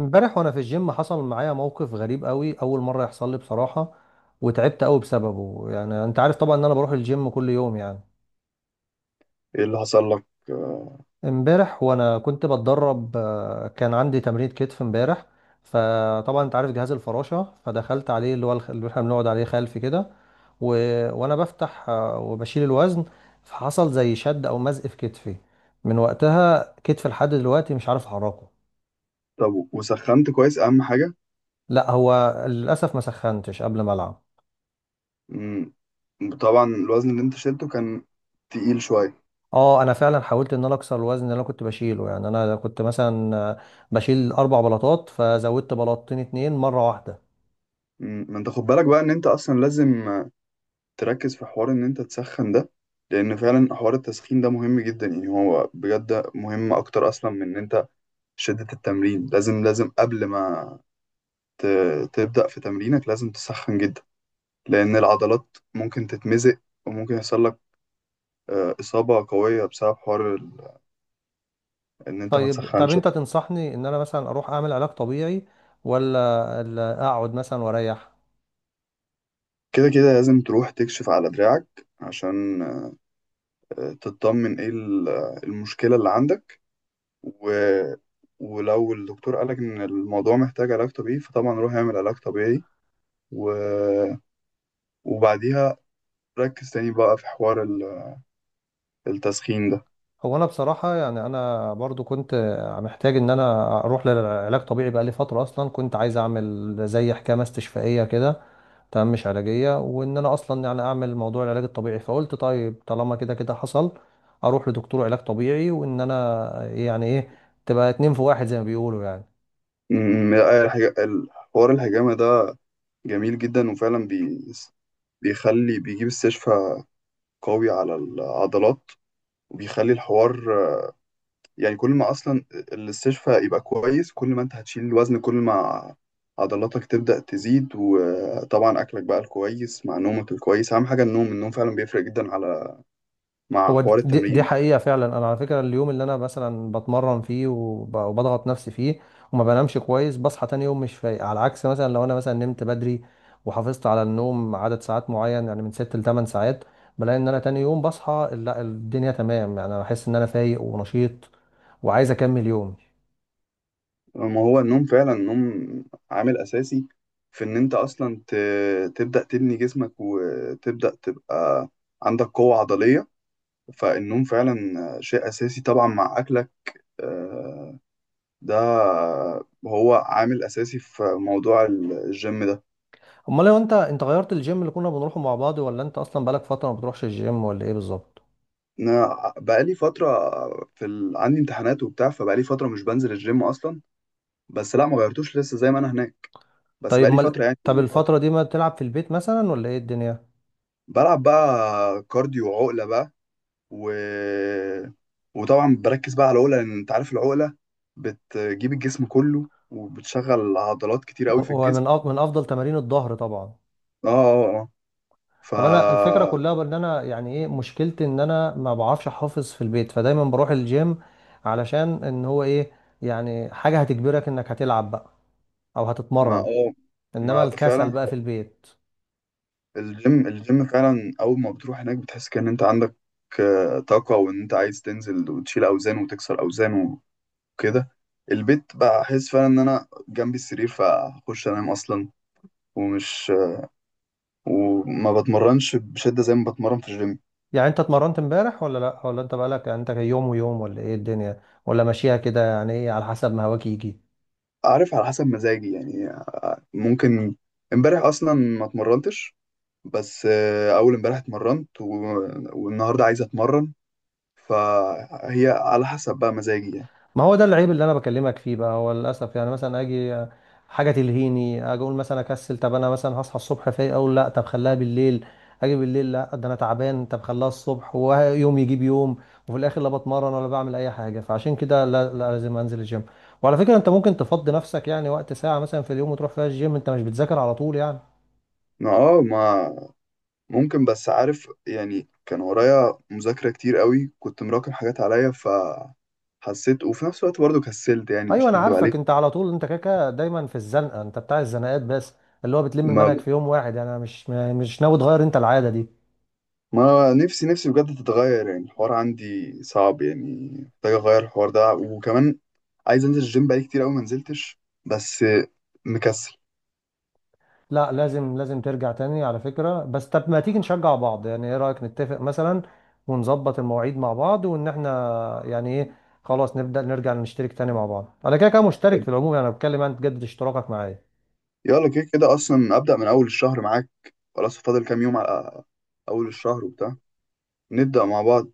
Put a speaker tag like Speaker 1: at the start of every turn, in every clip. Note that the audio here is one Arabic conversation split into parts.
Speaker 1: امبارح وانا في الجيم حصل معايا موقف غريب قوي، اول مره يحصل لي بصراحه. وتعبت قوي بسببه، يعني انت عارف طبعا ان انا بروح الجيم كل يوم يعني.
Speaker 2: ايه اللي حصل لك
Speaker 1: امبارح وانا كنت بتدرب، كان عندي تمرين كتف امبارح. فطبعا انت عارف جهاز الفراشه، فدخلت عليه اللي هو اللي احنا بنقعد عليه خلفي كده و... وانا بفتح وبشيل الوزن. فحصل زي شد او مزق في كتفي، من وقتها كتفي لحد دلوقتي مش عارف احركه.
Speaker 2: طب وسخنت كويس، اهم حاجه؟
Speaker 1: لا هو للاسف ما سخنتش قبل ما العب.
Speaker 2: مم. طبعا الوزن اللي انت شلته كان تقيل شويه.
Speaker 1: اه انا فعلا حاولت ان انا اكسر الوزن اللي انا كنت بشيله، يعني انا كنت مثلا بشيل 4 بلاطات، فزودت بلاطتين اتنين مره واحده.
Speaker 2: مم. ما انت خد بالك بقى ان انت اصلا لازم تركز في حوار ان انت تسخن ده، لان فعلا حوار التسخين ده مهم جدا، يعني هو بجد مهم اكتر اصلا من ان انت شده التمرين. لازم قبل ما ت... تبدا في تمرينك لازم تسخن جدا، لان العضلات ممكن تتمزق، وممكن يحصل لك اصابه قويه بسبب حوار ان انت ما
Speaker 1: طيب
Speaker 2: تسخنش.
Speaker 1: انت تنصحني ان انا مثلا اروح اعمل علاج طبيعي، ولا ولا اقعد مثلا واريح؟
Speaker 2: كده كده لازم تروح تكشف على دراعك، عشان تطمن ايه المشكلة اللي عندك و... ولو الدكتور قالك ان الموضوع محتاج علاج طبيعي، فطبعا روح اعمل علاج طبيعي، و... وبعديها ركز تاني بقى في حوار التسخين ده.
Speaker 1: هو انا بصراحه يعني انا برضو كنت محتاج ان انا اروح للعلاج طبيعي بقالي فتره، اصلا كنت عايز اعمل زي حكامه استشفائيه كده، تمام، مش علاجية، وان انا اصلا يعني اعمل موضوع العلاج الطبيعي. فقلت طيب طالما كده كده حصل اروح لدكتور علاج طبيعي، وان انا يعني ايه، تبقى اتنين في واحد زي ما بيقولوا يعني.
Speaker 2: حوار الحجامة ده جميل جدا، وفعلا بيخلي بيجيب استشفاء قوي على العضلات، وبيخلي الحوار يعني كل ما اصلا الاستشفاء يبقى كويس، كل ما انت هتشيل الوزن، كل ما عضلاتك تبدأ تزيد. وطبعا اكلك بقى الكويس مع نومك الكويس اهم حاجة. النوم النوم فعلا بيفرق جدا على، مع
Speaker 1: هو دي,
Speaker 2: حوار
Speaker 1: دي دي
Speaker 2: التمرين.
Speaker 1: حقيقة، فعلا انا على فكرة اليوم اللي انا مثلا بتمرن فيه وبضغط نفسي فيه وما بنامش كويس بصحى تاني يوم مش فايق. على عكس مثلا لو انا مثلا نمت بدري وحافظت على النوم عدد ساعات معين، يعني من 6 ل 8 ساعات، بلاقي ان انا تاني يوم بصحى، لا الدنيا تمام، يعني انا بحس ان انا فايق ونشيط وعايز اكمل يومي.
Speaker 2: ما هو النوم، فعلا النوم عامل اساسي في ان انت اصلا تبدأ تبني جسمك، وتبدأ تبقى عندك قوة عضلية. فالنوم فعلا شيء اساسي، طبعا مع اكلك، آه، ده هو عامل اساسي في موضوع الجيم ده.
Speaker 1: امال لو انت غيرت الجيم اللي كنا بنروحه مع بعض، ولا انت اصلا بقالك فتره ما بتروحش الجيم، ولا ايه بالظبط؟
Speaker 2: انا بقالي فتره في عندي امتحانات وبتاع، فبقالي فتره مش بنزل الجيم اصلا. بس لا، ما غيرتوش، لسه زي ما انا هناك، بس
Speaker 1: طيب
Speaker 2: بقالي
Speaker 1: امال
Speaker 2: فتره يعني.
Speaker 1: طب
Speaker 2: قطع.
Speaker 1: الفتره دي ما تلعب في البيت مثلا، ولا ايه الدنيا؟
Speaker 2: بلعب بقى كارديو وعقله بقى، و... وطبعا بركز بقى على العقله، لان انت عارف العقله بتجيب الجسم كله، وبتشغل عضلات كتير قوي في
Speaker 1: ومن
Speaker 2: الجسم.
Speaker 1: من افضل تمارين الظهر طبعا.
Speaker 2: اه اه اه ف
Speaker 1: طب انا الفكره كلها بان انا يعني ايه، مشكلتي ان انا ما بعرفش احافظ في البيت، فدايما بروح الجيم علشان ان هو ايه، يعني حاجه هتجبرك انك هتلعب بقى او
Speaker 2: ما-
Speaker 1: هتتمرن.
Speaker 2: اه
Speaker 1: انما
Speaker 2: ما
Speaker 1: الكسل
Speaker 2: فعلا
Speaker 1: بقى في البيت.
Speaker 2: الجيم الجيم فعلا اول ما بتروح هناك بتحس كأن انت عندك آه، طاقة وان انت عايز تنزل وتشيل اوزان وتكسر اوزان وكده البيت بقى احس فعلا ان انا جنبي السرير فاخش انام اصلا ومش وما بتمرنش بشدة زي ما بتمرن في الجيم
Speaker 1: يعني انت اتمرنت امبارح ولا لا، ولا انت بقالك يعني انت يوم ويوم، ولا ايه الدنيا، ولا ماشيها كده يعني ايه على حسب ما هواك يجي؟
Speaker 2: عارف على حسب مزاجي يعني آه، ممكن امبارح اصلا ما اتمرنتش بس آه، اول امبارح اتمرنت و... والنهارده عايز اتمرن فهي على حسب بقى مزاجي يعني
Speaker 1: ما هو ده العيب اللي انا بكلمك فيه بقى، هو للاسف يعني مثلا اجي حاجه تلهيني، اجي اقول مثلا اكسل، طب انا مثلا هصحى الصبح فايق اقول لا طب خليها بالليل، اجي بالليل لا ده انا تعبان طب خليها الصبح ويوم يجيب يوم، وفي الاخر لا بتمرن ولا بعمل اي حاجه. فعشان كده لا, لا لازم انزل الجيم. وعلى فكره انت ممكن تفضي نفسك يعني وقت ساعه مثلا في اليوم وتروح فيها الجيم، انت مش بتذاكر على طول يعني.
Speaker 2: ما ممكن، بس عارف يعني، كان ورايا مذاكرة كتير قوي، كنت مراكم حاجات عليا، فحسيت وفي نفس الوقت برضه كسلت، يعني
Speaker 1: ايوه
Speaker 2: مش
Speaker 1: انا
Speaker 2: هكدب
Speaker 1: عارفك،
Speaker 2: عليك.
Speaker 1: انت على طول انت كاكا دايما في الزنقه، انت بتاع الزنقات بس، اللي هو بتلم
Speaker 2: ما
Speaker 1: المنهج في يوم واحد يعني. انا مش ناوي تغير انت العاده دي.
Speaker 2: ما نفسي نفسي بجد تتغير، يعني الحوار عندي صعب يعني. محتاج اغير الحوار ده، وكمان عايز انزل الجيم بقالي كتير قوي، ما نزلتش، بس مكسل.
Speaker 1: لا لازم لازم ترجع تاني على فكره. بس طب ما تيجي نشجع بعض، يعني ايه رايك نتفق مثلا ونظبط المواعيد مع بعض، وان احنا يعني ايه، خلاص نبدا نرجع نشترك تاني مع بعض. انا كده كده مشترك في العموم يعني، انا بتكلم انت تجدد اشتراكك معايا.
Speaker 2: يلا، كده كده اصلا ابدأ من اول الشهر معاك. خلاص، فاضل كام يوم على اول الشهر وبتاع، نبدأ مع بعض.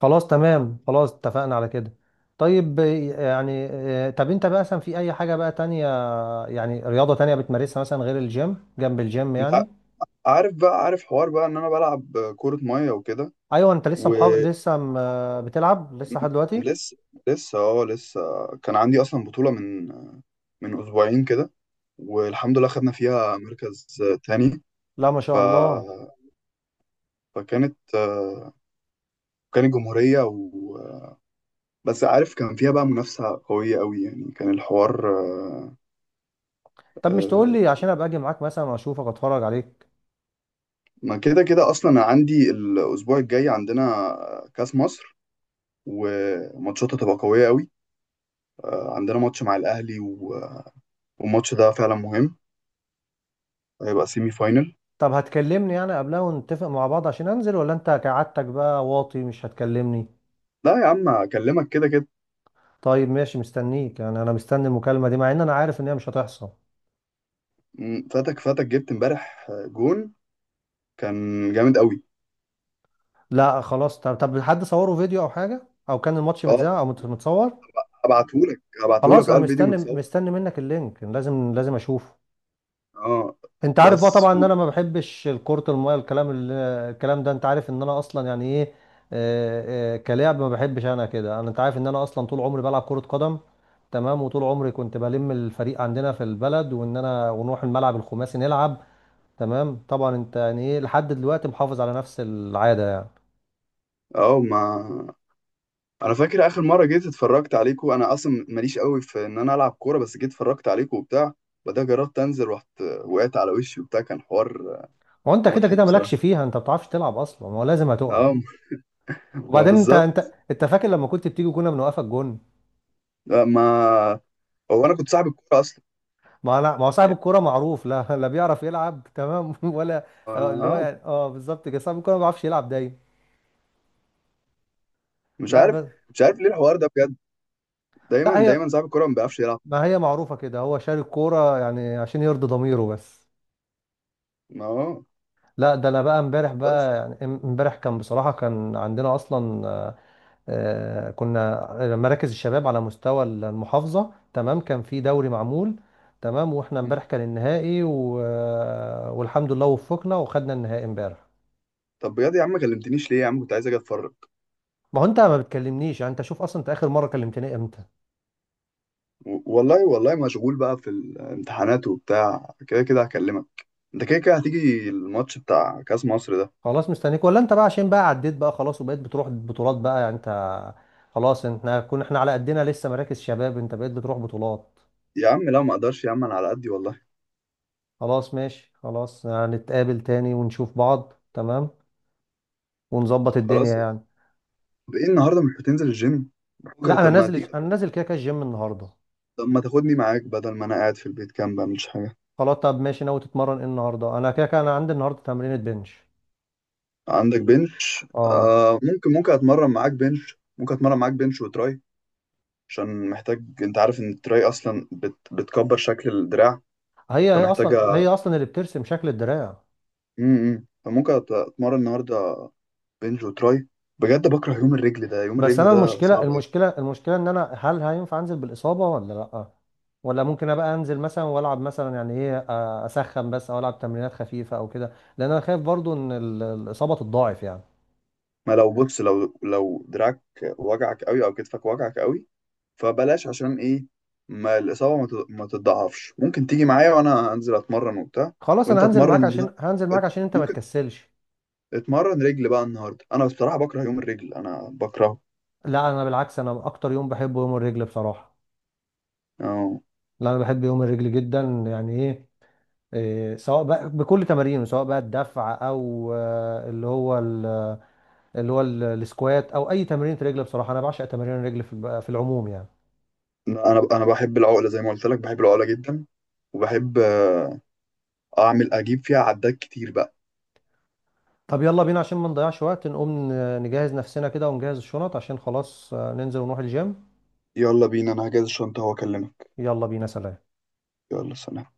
Speaker 1: خلاص تمام، خلاص اتفقنا على كده. طيب، يعني طب انت بقى مثلا في اي حاجة بقى تانية، يعني رياضة تانية بتمارسها مثلا غير الجيم جنب الجيم
Speaker 2: انت
Speaker 1: يعني؟
Speaker 2: عارف بقى، حوار بقى ان انا بلعب كرة مية وكده.
Speaker 1: ايوه انت لسه محافظ لسه م... آه، بتلعب لسه لحد دلوقتي؟
Speaker 2: ولسه لسه اه لسه كان عندي اصلا بطولة من اسبوعين كده، والحمد لله خدنا فيها مركز تاني.
Speaker 1: لا ما
Speaker 2: ف...
Speaker 1: شاء الله.
Speaker 2: فكانت كانت جمهورية، بس عارف كان فيها بقى منافسة قوية قوي، يعني كان الحوار
Speaker 1: طب مش تقول
Speaker 2: آه،
Speaker 1: لي عشان ابقى اجي معاك مثلا واشوفك اتفرج عليك.
Speaker 2: ما كده كده اصلا أنا عندي الاسبوع الجاي، عندنا كاس مصر، وماتشاتها تبقى قوية قوي. عندنا ماتش مع الاهلي، والماتش ده فعلا مهم، هيبقى سيمي فاينل.
Speaker 1: طب هتكلمني يعني قبلها ونتفق مع بعض عشان انزل، ولا انت كعادتك بقى واطي مش هتكلمني؟
Speaker 2: لا يا عم، اكلمك كده كده.
Speaker 1: طيب ماشي مستنيك، يعني انا مستني المكالمة دي مع ان انا عارف ان هي مش هتحصل.
Speaker 2: فاتك، جبت امبارح جون كان جامد قوي.
Speaker 1: لا خلاص، طب حد صوره فيديو او حاجه، او كان الماتش
Speaker 2: اه،
Speaker 1: متذاع او متصور؟
Speaker 2: ابعتهولك،
Speaker 1: خلاص انا
Speaker 2: الفيديو
Speaker 1: مستني
Speaker 2: متصور.
Speaker 1: مستني منك اللينك، لازم لازم اشوفه.
Speaker 2: اه،
Speaker 1: انت عارف
Speaker 2: بس
Speaker 1: بقى طبعا ان انا ما بحبش الكرة المايه، الكلام الكلام ده انت عارف ان انا اصلا يعني ايه، كلاعب ما بحبش انا كده. انا انت عارف ان انا اصلا طول عمري بلعب كرة قدم، تمام، وطول عمري كنت بلم الفريق عندنا في البلد وان انا ونروح الملعب الخماسي نلعب، تمام، طبعا انت يعني ايه لحد دلوقتي محافظ على نفس العادة.
Speaker 2: اه. ما انا فاكر اخر مره جيت اتفرجت عليكم، انا اصلا ماليش قوي في ان انا العب كوره، بس جيت اتفرجت عليكم وبتاع، بعدها جربت انزل، رحت وقعت على وشي وبتاع، كان حوار
Speaker 1: هو انت كده
Speaker 2: مضحك
Speaker 1: كده
Speaker 2: بصراحه.
Speaker 1: مالكش فيها، انت ما بتعرفش تلعب اصلا، ما هو لازم هتقع.
Speaker 2: اه، ما
Speaker 1: وبعدين انت
Speaker 2: بالظبط.
Speaker 1: انت انت فاكر لما كنت بتيجي كنا بنوقفك جون؟
Speaker 2: لا، ما هو انا كنت صاحب الكوره اصلا.
Speaker 1: ما انا ما هو صاحب
Speaker 2: يعني،
Speaker 1: الكوره معروف، لا لا بيعرف يلعب تمام ولا؟ اه، اللي هو
Speaker 2: اه.
Speaker 1: يعني اه بالظبط كده، صاحب الكوره ما بيعرفش يلعب دايما.
Speaker 2: مش
Speaker 1: لا
Speaker 2: عارف،
Speaker 1: بس.
Speaker 2: ليه الحوار ده بجد،
Speaker 1: لا
Speaker 2: دايما
Speaker 1: هي،
Speaker 2: دايما صاحب الكوره ما بيعرفش يلعب.
Speaker 1: ما هي معروفه كده، هو شاري الكوره يعني عشان يرضي ضميره بس.
Speaker 2: اه،
Speaker 1: لا ده انا بقى امبارح
Speaker 2: بس.
Speaker 1: بقى، يعني امبارح كان بصراحه كان عندنا اصلا كنا مراكز الشباب على مستوى المحافظة، تمام، كان في دوري معمول، تمام، واحنا امبارح كان النهائي و... آه، والحمد لله وفقنا وخدنا النهائي امبارح.
Speaker 2: طب بجد يا عم، ما كلمتنيش ليه يا عم، كنت عايز اجي اتفرج.
Speaker 1: ما هو انت ما بتكلمنيش يعني، انت شوف اصلا انت اخر مرة كلمتني امتى.
Speaker 2: والله والله مشغول بقى في الامتحانات وبتاع، كده كده هكلمك. انت كده كده هتيجي الماتش بتاع كاس مصر ده.
Speaker 1: خلاص مستنيك، ولا انت بقى عشان بقى عديت بقى خلاص وبقيت بتروح بطولات بقى يعني انت؟ خلاص احنا كنا على قدنا لسه مراكز شباب، انت بقيت بتروح بطولات.
Speaker 2: يا عم لا، ما اقدرش يا عم، انا على قدي والله.
Speaker 1: خلاص ماشي، خلاص هنتقابل تاني ونشوف بعض تمام ونظبط الدنيا
Speaker 2: خلاص.
Speaker 1: يعني.
Speaker 2: طب ايه النهارده، مش هتنزل الجيم؟ بكره
Speaker 1: لا انا
Speaker 2: طب ما تيجي؟
Speaker 1: نازل، انا نازل كده كده الجيم النهارده.
Speaker 2: طب ما تاخدني معاك، بدل ما انا قاعد في البيت كام بعملش حاجه.
Speaker 1: خلاص طب ماشي، ناوي تتمرن ايه النهارده؟ انا كده كده انا عندي النهارده تمرينة بنش.
Speaker 2: عندك بنش؟
Speaker 1: اه.
Speaker 2: ممكن، اتمرن معاك بنش. ممكن اتمرن معاك بنش وتراي، عشان محتاج. انت عارف ان التراي اصلا بتكبر شكل الدراع،
Speaker 1: هي هي اصلا
Speaker 2: فمحتاجة.
Speaker 1: هي اصلا اللي بترسم شكل الدراع.
Speaker 2: فممكن اتمرن النهارده بنج وتراي. بجد بكره يوم الرجل ده، يوم
Speaker 1: بس
Speaker 2: الرجل
Speaker 1: انا
Speaker 2: ده
Speaker 1: المشكله
Speaker 2: صعب قوي.
Speaker 1: المشكله المشكله ان انا هل هينفع انزل بالاصابه ولا لا، ولا ممكن ابقى انزل مثلا والعب مثلا يعني ايه اسخن بس او العب تمرينات خفيفه او كده، لان انا خايف برضو ان الاصابه تتضاعف يعني؟
Speaker 2: ما لو بص، لو دراعك وجعك قوي او كتفك وجعك قوي، فبلاش، عشان ايه؟ ما الاصابه ما تتضاعفش. ممكن تيجي معايا وانا انزل اتمرن وبتاع،
Speaker 1: خلاص
Speaker 2: وانت
Speaker 1: انا
Speaker 2: اتمرن،
Speaker 1: هنزل معاك عشان انت ما
Speaker 2: ممكن
Speaker 1: تكسلش.
Speaker 2: اتمرن رجل بقى النهارده. انا بصراحه بكره يوم الرجل، انا بكرهه.
Speaker 1: لا انا بالعكس انا اكتر يوم بحبه يوم الرجل بصراحه.
Speaker 2: أو-
Speaker 1: لا انا بحب يوم الرجل جدا، يعني ايه إيه، سواء بقى بكل تمارينه، سواء بقى الدفع او السكوات او اي تمرين رجل بصراحه، انا بعشق تمارين الرجل في في العموم يعني.
Speaker 2: انا بحب العقله زي ما قلت لك، بحب العقله جدا، وبحب اعمل اجيب فيها عدات كتير بقى.
Speaker 1: طب يلا بينا عشان ما نضيعش وقت، نقوم نجهز نفسنا كده ونجهز الشنط عشان خلاص، ننزل ونروح الجيم.
Speaker 2: يلا بينا، انا هجهز الشنطة واكلمك.
Speaker 1: يلا بينا، سلام.
Speaker 2: يلا، سلام.